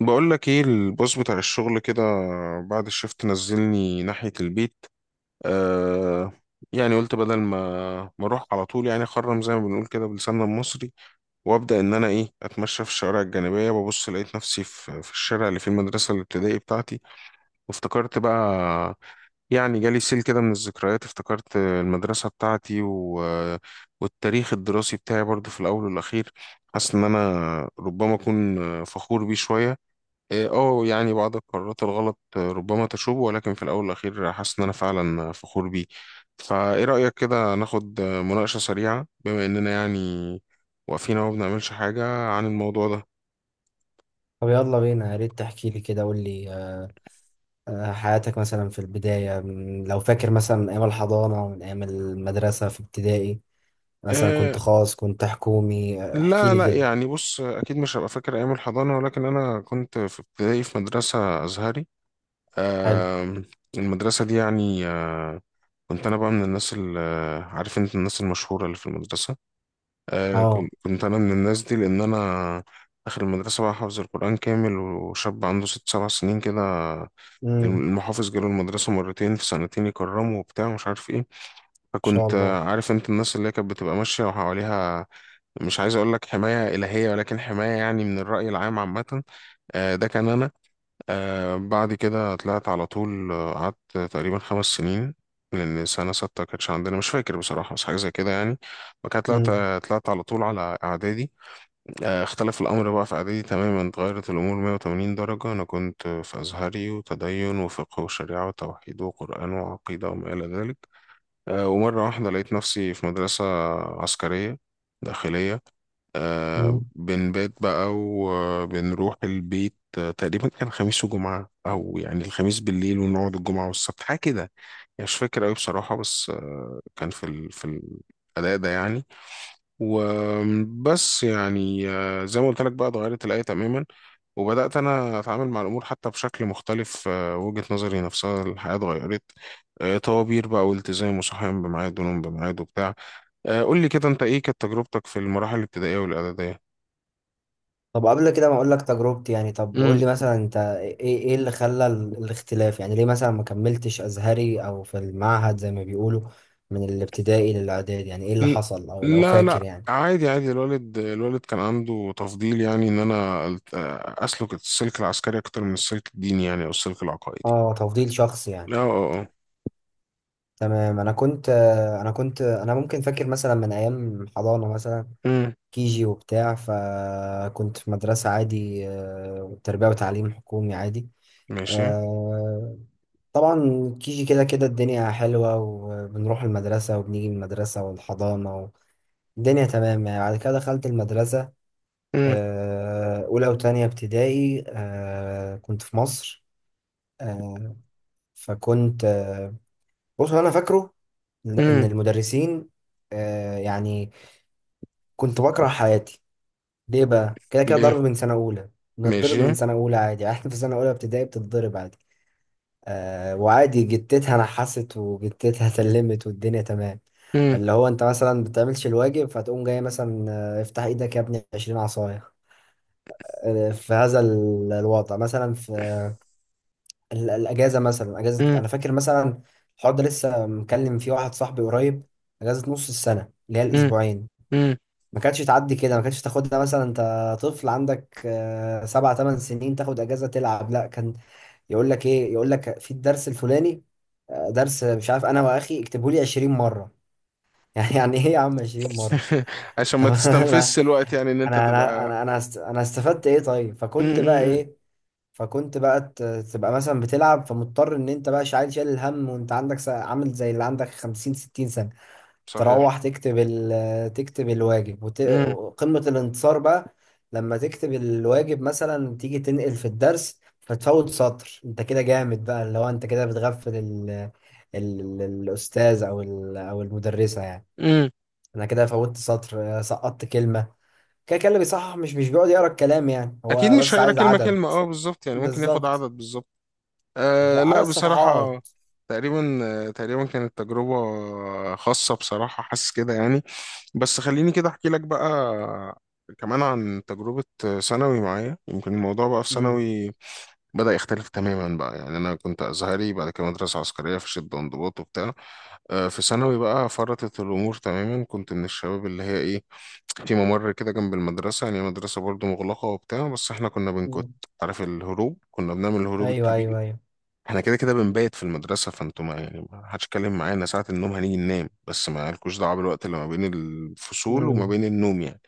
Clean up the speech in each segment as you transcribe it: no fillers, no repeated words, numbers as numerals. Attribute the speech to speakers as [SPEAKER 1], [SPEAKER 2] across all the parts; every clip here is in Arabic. [SPEAKER 1] بقول لك ايه، البوس بتاع الشغل كده بعد الشفت نزلني ناحية البيت. آه يعني قلت بدل ما اروح على طول، يعني اخرم زي ما بنقول كده بلساننا المصري، وابدا ان انا ايه اتمشى في الشوارع الجانبية، ببص لقيت نفسي في الشارع اللي فيه المدرسة الابتدائي بتاعتي، وافتكرت بقى، يعني جالي سيل كده من الذكريات، افتكرت المدرسة بتاعتي والتاريخ الدراسي بتاعي برضو في الاول والاخير. حاسس ان انا ربما اكون فخور بيه شوية. إيه، يعني بعض القرارات الغلط ربما تشوب، ولكن في الاول والاخير حاسس ان انا فعلا فخور بيه. فايه رايك كده ناخد مناقشه سريعه بما اننا يعني واقفين اهو ما بنعملش حاجه عن الموضوع ده؟
[SPEAKER 2] طب يلا بينا، يا ريت تحكي لي كده. قول لي، حياتك مثلا في البداية، لو فاكر مثلا، من أيام الحضانة، من أيام المدرسة في ابتدائي، مثلا كنت
[SPEAKER 1] أه
[SPEAKER 2] خاص، كنت حكومي، احكي
[SPEAKER 1] لا
[SPEAKER 2] لي
[SPEAKER 1] لا،
[SPEAKER 2] كده.
[SPEAKER 1] يعني بص اكيد مش هبقى فاكر ايام الحضانه، ولكن انا كنت في ابتدائي في مدرسه ازهري.
[SPEAKER 2] حلو.
[SPEAKER 1] أه المدرسه دي يعني كنت انا بقى من الناس اللي، عارف انت الناس المشهوره اللي في المدرسه. كنت
[SPEAKER 2] اه،
[SPEAKER 1] كنت انا من الناس دي لان انا داخل المدرسه بقى حافظ القران كامل، وشاب عنده 6 7 سنين كده.
[SPEAKER 2] امم. ان
[SPEAKER 1] المحافظ جاله المدرسه مرتين في سنتين يكرمه وبتاع مش عارف ايه.
[SPEAKER 2] شاء
[SPEAKER 1] فكنت
[SPEAKER 2] الله.
[SPEAKER 1] عارف انت الناس اللي هي كانت بتبقى ماشيه وحواليها، مش عايز اقول لك حمايه الهيه، ولكن حمايه يعني من الراي العام عامه. ده كان انا. بعد كده طلعت على طول، قعدت تقريبا 5 سنين، لأن سنة ستة كانتش عندنا، مش فاكر بصراحة، بس حاجة زي كده يعني. وكانت
[SPEAKER 2] امم،
[SPEAKER 1] طلعت على طول على إعدادي. اختلف الأمر بقى في إعدادي تماما، اتغيرت الأمور 180 درجة. أنا كنت في أزهري وتدين وفقه وشريعة وتوحيد وقرآن وعقيدة وما إلى ذلك. ومرة واحدة لقيت نفسي في مدرسة عسكرية داخلية.
[SPEAKER 2] امم.
[SPEAKER 1] بنبات بقى وبنروح البيت، تقريبا كان خميس وجمعة، أو يعني الخميس بالليل ونقعد الجمعة والسبت حاجة كده، يعني مش فاكر أوي بصراحة، بس كان في في الأداء ده يعني. وبس يعني، زي ما قلت لك بقى اتغيرت الآية تماما، وبدأت أنا أتعامل مع الأمور حتى بشكل مختلف، وجهة نظري نفسها الحياة اتغيرت، طوابير بقى والتزام وصحيان بميعاد ونوم بميعاد وبتاع. قول لي كده أنت إيه كانت تجربتك في المراحل الابتدائية والإعدادية؟
[SPEAKER 2] طب قبل كده ما اقول لك تجربتي يعني، طب قول لي مثلا انت ايه، ايه اللي خلى الاختلاف؟ يعني ليه مثلا ما كملتش ازهري او في المعهد زي ما بيقولوا، من الابتدائي للاعداد؟ يعني ايه اللي
[SPEAKER 1] ل-
[SPEAKER 2] حصل، او لو
[SPEAKER 1] لا
[SPEAKER 2] فاكر
[SPEAKER 1] لا،
[SPEAKER 2] يعني.
[SPEAKER 1] عادي عادي. الوالد كان عنده تفضيل، يعني ان انا اسلك السلك العسكري اكتر من السلك الديني، يعني او السلك العقائدي.
[SPEAKER 2] اه، تفضيل شخصي
[SPEAKER 1] اه
[SPEAKER 2] يعني.
[SPEAKER 1] اه اه.
[SPEAKER 2] تمام. انا، ممكن فاكر مثلا من ايام حضانه، مثلا
[SPEAKER 1] أمم،
[SPEAKER 2] كيجي وبتاع، فكنت في مدرسه عادي، تربيه وتعليم حكومي عادي.
[SPEAKER 1] ماشي.
[SPEAKER 2] آه، طبعا كيجي كده كده الدنيا حلوه، وبنروح المدرسه وبنيجي من المدرسه والحضانه، الدنيا تمام يعني. بعد كده دخلت المدرسه،
[SPEAKER 1] أمم،
[SPEAKER 2] اولى وتانية ابتدائي، كنت في مصر. آه، فكنت آه، بص، هو انا فاكره ان
[SPEAKER 1] أمم،
[SPEAKER 2] المدرسين، يعني، كنت بكره حياتي. ليه بقى؟ كده كده ضرب
[SPEAKER 1] ليه؟
[SPEAKER 2] من سنه اولى. بنتضرب
[SPEAKER 1] ماشي.
[SPEAKER 2] من سنه اولى عادي احنا في سنه اولى ابتدائي بتتضرب عادي، وعادي. جتتها نحست وجتتها سلمت والدنيا تمام.
[SPEAKER 1] أمم،
[SPEAKER 2] اللي هو انت مثلا بتعملش الواجب، فتقوم جاي مثلا، افتح ايدك يا ابني، 20 عصايه. في هذا الوضع مثلا، في الاجازه مثلا، اجازه
[SPEAKER 1] أمم،
[SPEAKER 2] انا فاكر مثلا - الحوار ده لسه مكلم فيه واحد صاحبي قريب - اجازه نص السنه اللي هي
[SPEAKER 1] أمم،
[SPEAKER 2] الاسبوعين،
[SPEAKER 1] أمم.
[SPEAKER 2] ما كانتش تعدي كده. ما كانتش تاخدها مثلا انت، طفل عندك سبع ثمان سنين، تاخد اجازه تلعب. لا، كان يقول لك ايه؟ يقول لك في الدرس الفلاني، درس مش عارف، انا واخي اكتبه لي 20 مره. يعني ايه يا عم 20 مره؟
[SPEAKER 1] عشان ما
[SPEAKER 2] طب انا
[SPEAKER 1] تستنفذش الوقت يعني ان
[SPEAKER 2] انا
[SPEAKER 1] انت
[SPEAKER 2] انا
[SPEAKER 1] تبقى.
[SPEAKER 2] انا انا است- انا استفدت ايه طيب؟
[SPEAKER 1] أمم،
[SPEAKER 2] فكنت
[SPEAKER 1] أمم،
[SPEAKER 2] بقى
[SPEAKER 1] أمم.
[SPEAKER 2] ايه؟ فكنت بقى تبقى مثلا بتلعب، فمضطر ان انت بقى شايل شايل الهم، وانت عندك عامل زي اللي عندك 50 60 سنه،
[SPEAKER 1] صحيح.
[SPEAKER 2] تروح تكتب تكتب الواجب،
[SPEAKER 1] أمم،
[SPEAKER 2] وقمة الانتصار بقى لما تكتب الواجب، مثلا تيجي تنقل في الدرس فتفوت سطر. انت كده جامد بقى، اللي هو انت كده بتغفل الاستاذ، او او المدرسة يعني.
[SPEAKER 1] أمم.
[SPEAKER 2] انا كده فوتت سطر، سقطت كلمة. كده كده اللي بيصحح مش بيقعد يقرا الكلام يعني،
[SPEAKER 1] اكيد
[SPEAKER 2] هو
[SPEAKER 1] مش
[SPEAKER 2] بس
[SPEAKER 1] هيقرا
[SPEAKER 2] عايز
[SPEAKER 1] كلمة
[SPEAKER 2] عدد.
[SPEAKER 1] كلمة، اه بالظبط يعني ممكن ياخد
[SPEAKER 2] بالظبط،
[SPEAKER 1] عدد بالظبط.
[SPEAKER 2] عدد
[SPEAKER 1] لا بصراحة
[SPEAKER 2] صفحات.
[SPEAKER 1] تقريبا، تقريبا كانت تجربة خاصة بصراحة، حاسس كده يعني. بس خليني كده أحكي لك بقى كمان عن تجربة ثانوي معايا. يمكن الموضوع بقى في
[SPEAKER 2] امم،
[SPEAKER 1] ثانوي بدأ يختلف تماما بقى، يعني أنا كنت أزهري، بعد كده مدرسة عسكرية في شدة وانضباط وبتاع، في ثانوي بقى فرطت الأمور تماما. كنت من الشباب اللي هي إيه في ممر كده جنب المدرسة، يعني مدرسة برضو مغلقة وبتاع، بس إحنا كنا بنكت.
[SPEAKER 2] امم.
[SPEAKER 1] عارف الهروب، كنا بنعمل الهروب
[SPEAKER 2] ايوه،
[SPEAKER 1] الكبير.
[SPEAKER 2] ايوه، ايوه.
[SPEAKER 1] احنا كده كده بنبيت في المدرسة، فانتوا ما يعني ما حدش اتكلم معانا ساعة النوم هنيجي ننام، بس ما لكوش دعوة بالوقت اللي ما بين الفصول وما
[SPEAKER 2] امم،
[SPEAKER 1] بين النوم يعني.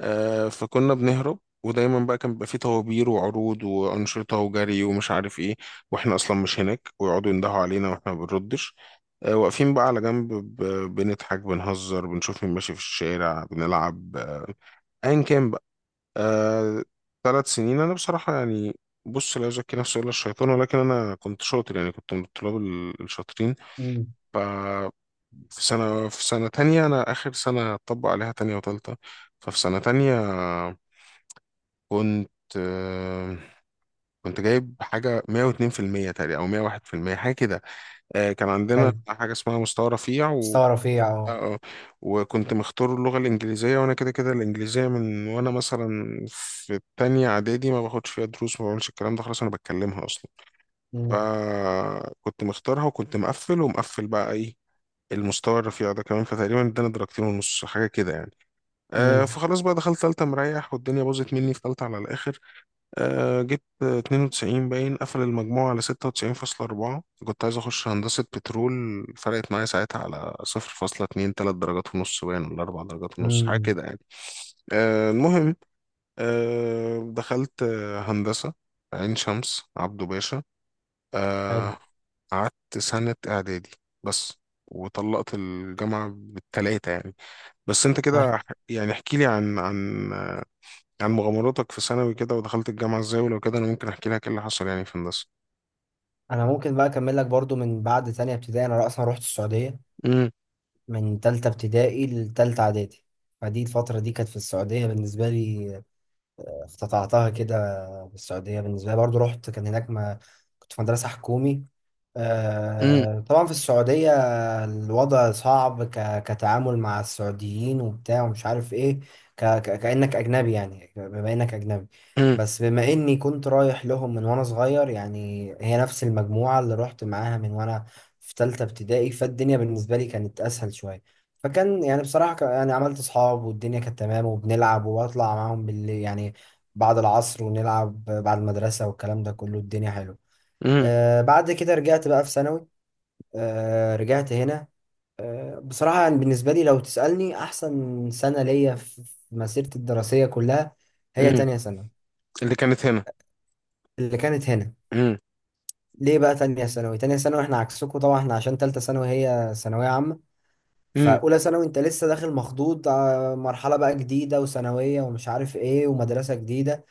[SPEAKER 1] فكنا بنهرب، ودايما بقى كان بيبقى فيه طوابير وعروض وأنشطة وجري ومش عارف ايه، واحنا أصلا مش هناك، ويقعدوا يندهوا علينا واحنا ما بنردش. واقفين بقى على جنب بنضحك بنهزر بنشوف مين ماشي في الشارع بنلعب، ايا كان بقى. آه، 3 سنين انا بصراحه يعني، بص لا يزكي نفسه الا الشيطان، ولكن انا كنت شاطر، يعني كنت من الطلاب الشاطرين.
[SPEAKER 2] امم.
[SPEAKER 1] ف في سنه في سنه تانية، انا اخر سنه اطبق عليها تانية وتالتة. ففي سنه تانية كنت، آه، كنت جايب حاجه 102% تقريبا او 101% حاجه كده، كان عندنا
[SPEAKER 2] حلو.
[SPEAKER 1] حاجه اسمها مستوى رفيع. اه
[SPEAKER 2] مستوى رفيع، اه.
[SPEAKER 1] آه. وكنت مختار اللغة الإنجليزية، وأنا كده كده الإنجليزية من وأنا مثلا في التانية إعدادي ما باخدش فيها دروس، ما بعملش الكلام ده، خلاص أنا بتكلمها أصلا. فكنت مختارها، وكنت مقفل ومقفل بقى إيه المستوى الرفيع ده كمان، فتقريبا اداني درجتين ونص حاجة كده يعني.
[SPEAKER 2] امم،
[SPEAKER 1] فخلاص بقى دخلت تالتة مريح، والدنيا باظت مني في تالتة على الآخر. جبت 92 باين، قفل المجموع على 96.4، كنت عايز أخش هندسة بترول، فرقت معايا ساعتها على 0.2 3 درجات ونص باين، ولا 4 درجات ونص حاجة
[SPEAKER 2] امم.
[SPEAKER 1] كده يعني. المهم، دخلت هندسة عين شمس عبده باشا،
[SPEAKER 2] حلو.
[SPEAKER 1] آه، قعدت سنة إعدادي بس، وطلقت الجامعة بالتلاتة يعني. بس أنت كده
[SPEAKER 2] ها.
[SPEAKER 1] يعني احكي لي عن عن مغامراتك في ثانوي كده، ودخلت الجامعة ازاي، ولو كده انا ممكن احكي لك ايه اللي حصل يعني في هندسة.
[SPEAKER 2] انا ممكن بقى اكمل لك برضو، من بعد تانية ابتدائي انا اصلا رحت السعودية،
[SPEAKER 1] مم،
[SPEAKER 2] من تالتة ابتدائي لتالتة اعدادي. فدي الفترة دي كانت في السعودية بالنسبة لي. افتتحتها كده بالسعودية بالنسبة لي برضو، رحت كان هناك ما، كنت في مدرسة حكومي.
[SPEAKER 1] مم،
[SPEAKER 2] طبعا في السعودية الوضع صعب كتعامل مع السعوديين وبتاع ومش عارف ايه. كأنك أجنبي، يعني بما إنك أجنبي.
[SPEAKER 1] مم،
[SPEAKER 2] بس بما إني كنت رايح لهم من وأنا صغير يعني، هي نفس المجموعة اللي رحت معاها من وأنا في تالتة ابتدائي، فالدنيا بالنسبة لي كانت أسهل شوية. فكان يعني بصراحة، يعني عملت أصحاب، والدنيا كانت تمام، وبنلعب وبطلع معاهم بالليل يعني، بعد العصر، ونلعب بعد المدرسة والكلام ده كله. الدنيا حلوة.
[SPEAKER 1] مم،
[SPEAKER 2] بعد كده رجعت بقى في ثانوي. رجعت هنا. بصراحة يعني، بالنسبة لي لو تسألني أحسن سنة ليا في مسيرتي الدراسية كلها، هي
[SPEAKER 1] مم.
[SPEAKER 2] تانية ثانوي.
[SPEAKER 1] اللي كانت هنا.
[SPEAKER 2] اللي كانت هنا.
[SPEAKER 1] مم،
[SPEAKER 2] ليه بقى تانية ثانوي؟ تانية ثانوي، احنا عكسكم طبعا، احنا عشان تالتة ثانوي هي ثانوية عامة،
[SPEAKER 1] مم،
[SPEAKER 2] فأولى ثانوي انت لسه داخل مخضوض، مرحلة بقى جديدة وثانوية ومش عارف ايه ومدرسة جديدة،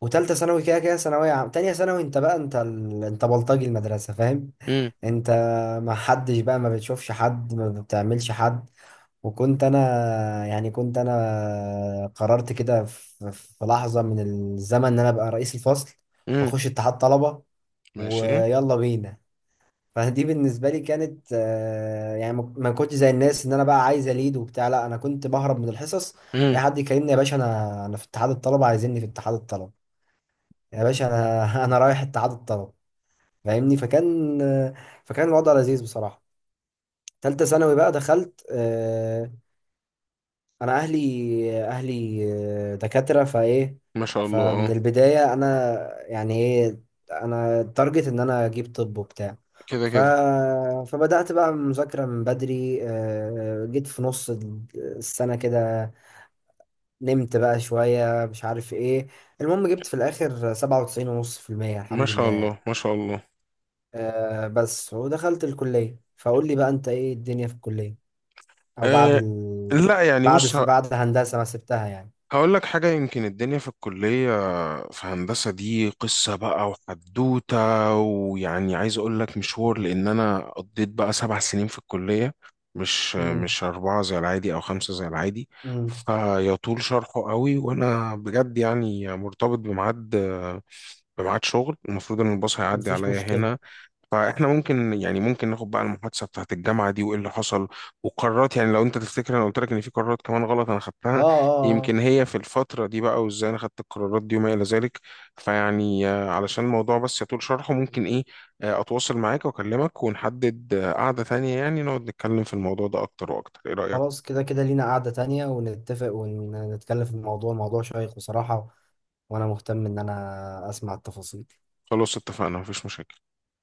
[SPEAKER 2] وتالتة ثانوي كده كده ثانوية عام. تانية ثانوي انت بقى انت، انت بلطجي المدرسة، فاهم.
[SPEAKER 1] مم،
[SPEAKER 2] انت ما حدش بقى، ما بتشوفش حد ما بتعملش حد. وكنت انا يعني كنت انا قررت كده، في لحظة من الزمن، ان انا ابقى رئيس الفصل،
[SPEAKER 1] مم.
[SPEAKER 2] واخش اتحاد طلبة،
[SPEAKER 1] ماشي.
[SPEAKER 2] ويلا بينا. فدي بالنسبة لي كانت، يعني، ما كنتش زي الناس ان انا بقى عايز اليد وبتاع، لا انا كنت بهرب من الحصص. اي
[SPEAKER 1] مم.
[SPEAKER 2] حد يكلمني: يا باشا انا، في اتحاد الطلبة، عايزيني في اتحاد الطلبة. يا باشا انا انا رايح التعادل طلب، فاهمني. فكان الوضع لذيذ بصراحه. تالتة ثانوي بقى دخلت، انا اهلي، اهلي دكاتره فايه،
[SPEAKER 1] ما شاء الله
[SPEAKER 2] فمن
[SPEAKER 1] اه.
[SPEAKER 2] البدايه انا يعني ايه، انا التارجت ان انا اجيب طب وبتاع.
[SPEAKER 1] كده
[SPEAKER 2] ف...
[SPEAKER 1] كده.
[SPEAKER 2] فبدات بقى مذاكره من بدري، جيت في نص السنه كده، نمت بقى شويه مش عارف ايه. المهم جبت في الاخر 97.5%،
[SPEAKER 1] ما
[SPEAKER 2] الحمد
[SPEAKER 1] شاء
[SPEAKER 2] لله
[SPEAKER 1] الله
[SPEAKER 2] يعني.
[SPEAKER 1] ما شاء الله.
[SPEAKER 2] بس، ودخلت الكلية. فقول لي بقى، انت ايه الدنيا في الكلية؟ او بعد
[SPEAKER 1] أه لا، يعني بص
[SPEAKER 2] بعد هندسة ما سبتها يعني.
[SPEAKER 1] هقول لك حاجة، يمكن الدنيا في الكلية في هندسة دي قصة بقى وحدوتة، ويعني عايز أقول لك مشوار، لأن أنا قضيت بقى 7 سنين في الكلية، مش
[SPEAKER 2] امم،
[SPEAKER 1] مش أربعة زي العادي أو خمسة زي العادي.
[SPEAKER 2] امم.
[SPEAKER 1] فيطول شرحه قوي، وأنا بجد يعني مرتبط بميعاد شغل المفروض إن الباص هيعدي
[SPEAKER 2] مفيش
[SPEAKER 1] عليا
[SPEAKER 2] مشكلة.
[SPEAKER 1] هنا. فاحنا ممكن يعني ممكن ناخد بقى المحادثه بتاعت الجامعه دي وايه اللي حصل وقرارات، يعني لو انت تفتكر انا قلت لك ان في قرارات كمان غلط انا
[SPEAKER 2] اه،
[SPEAKER 1] خدتها،
[SPEAKER 2] اه،
[SPEAKER 1] يمكن
[SPEAKER 2] اه.
[SPEAKER 1] هي في الفتره دي بقى، وازاي انا خدت القرارات دي وما الى ذلك. فيعني علشان الموضوع بس يطول شرحه، ممكن ايه، اتواصل معاك واكلمك ونحدد قعده ثانيه يعني نقعد نتكلم في الموضوع ده اكتر واكتر، ايه رايك؟
[SPEAKER 2] خلاص، كده كده لينا قعدة تانية ونتفق ونتكلم في الموضوع. موضوع شيق بصراحة، وانا مهتم ان انا اسمع التفاصيل.
[SPEAKER 1] خلاص اتفقنا، مفيش مشاكل.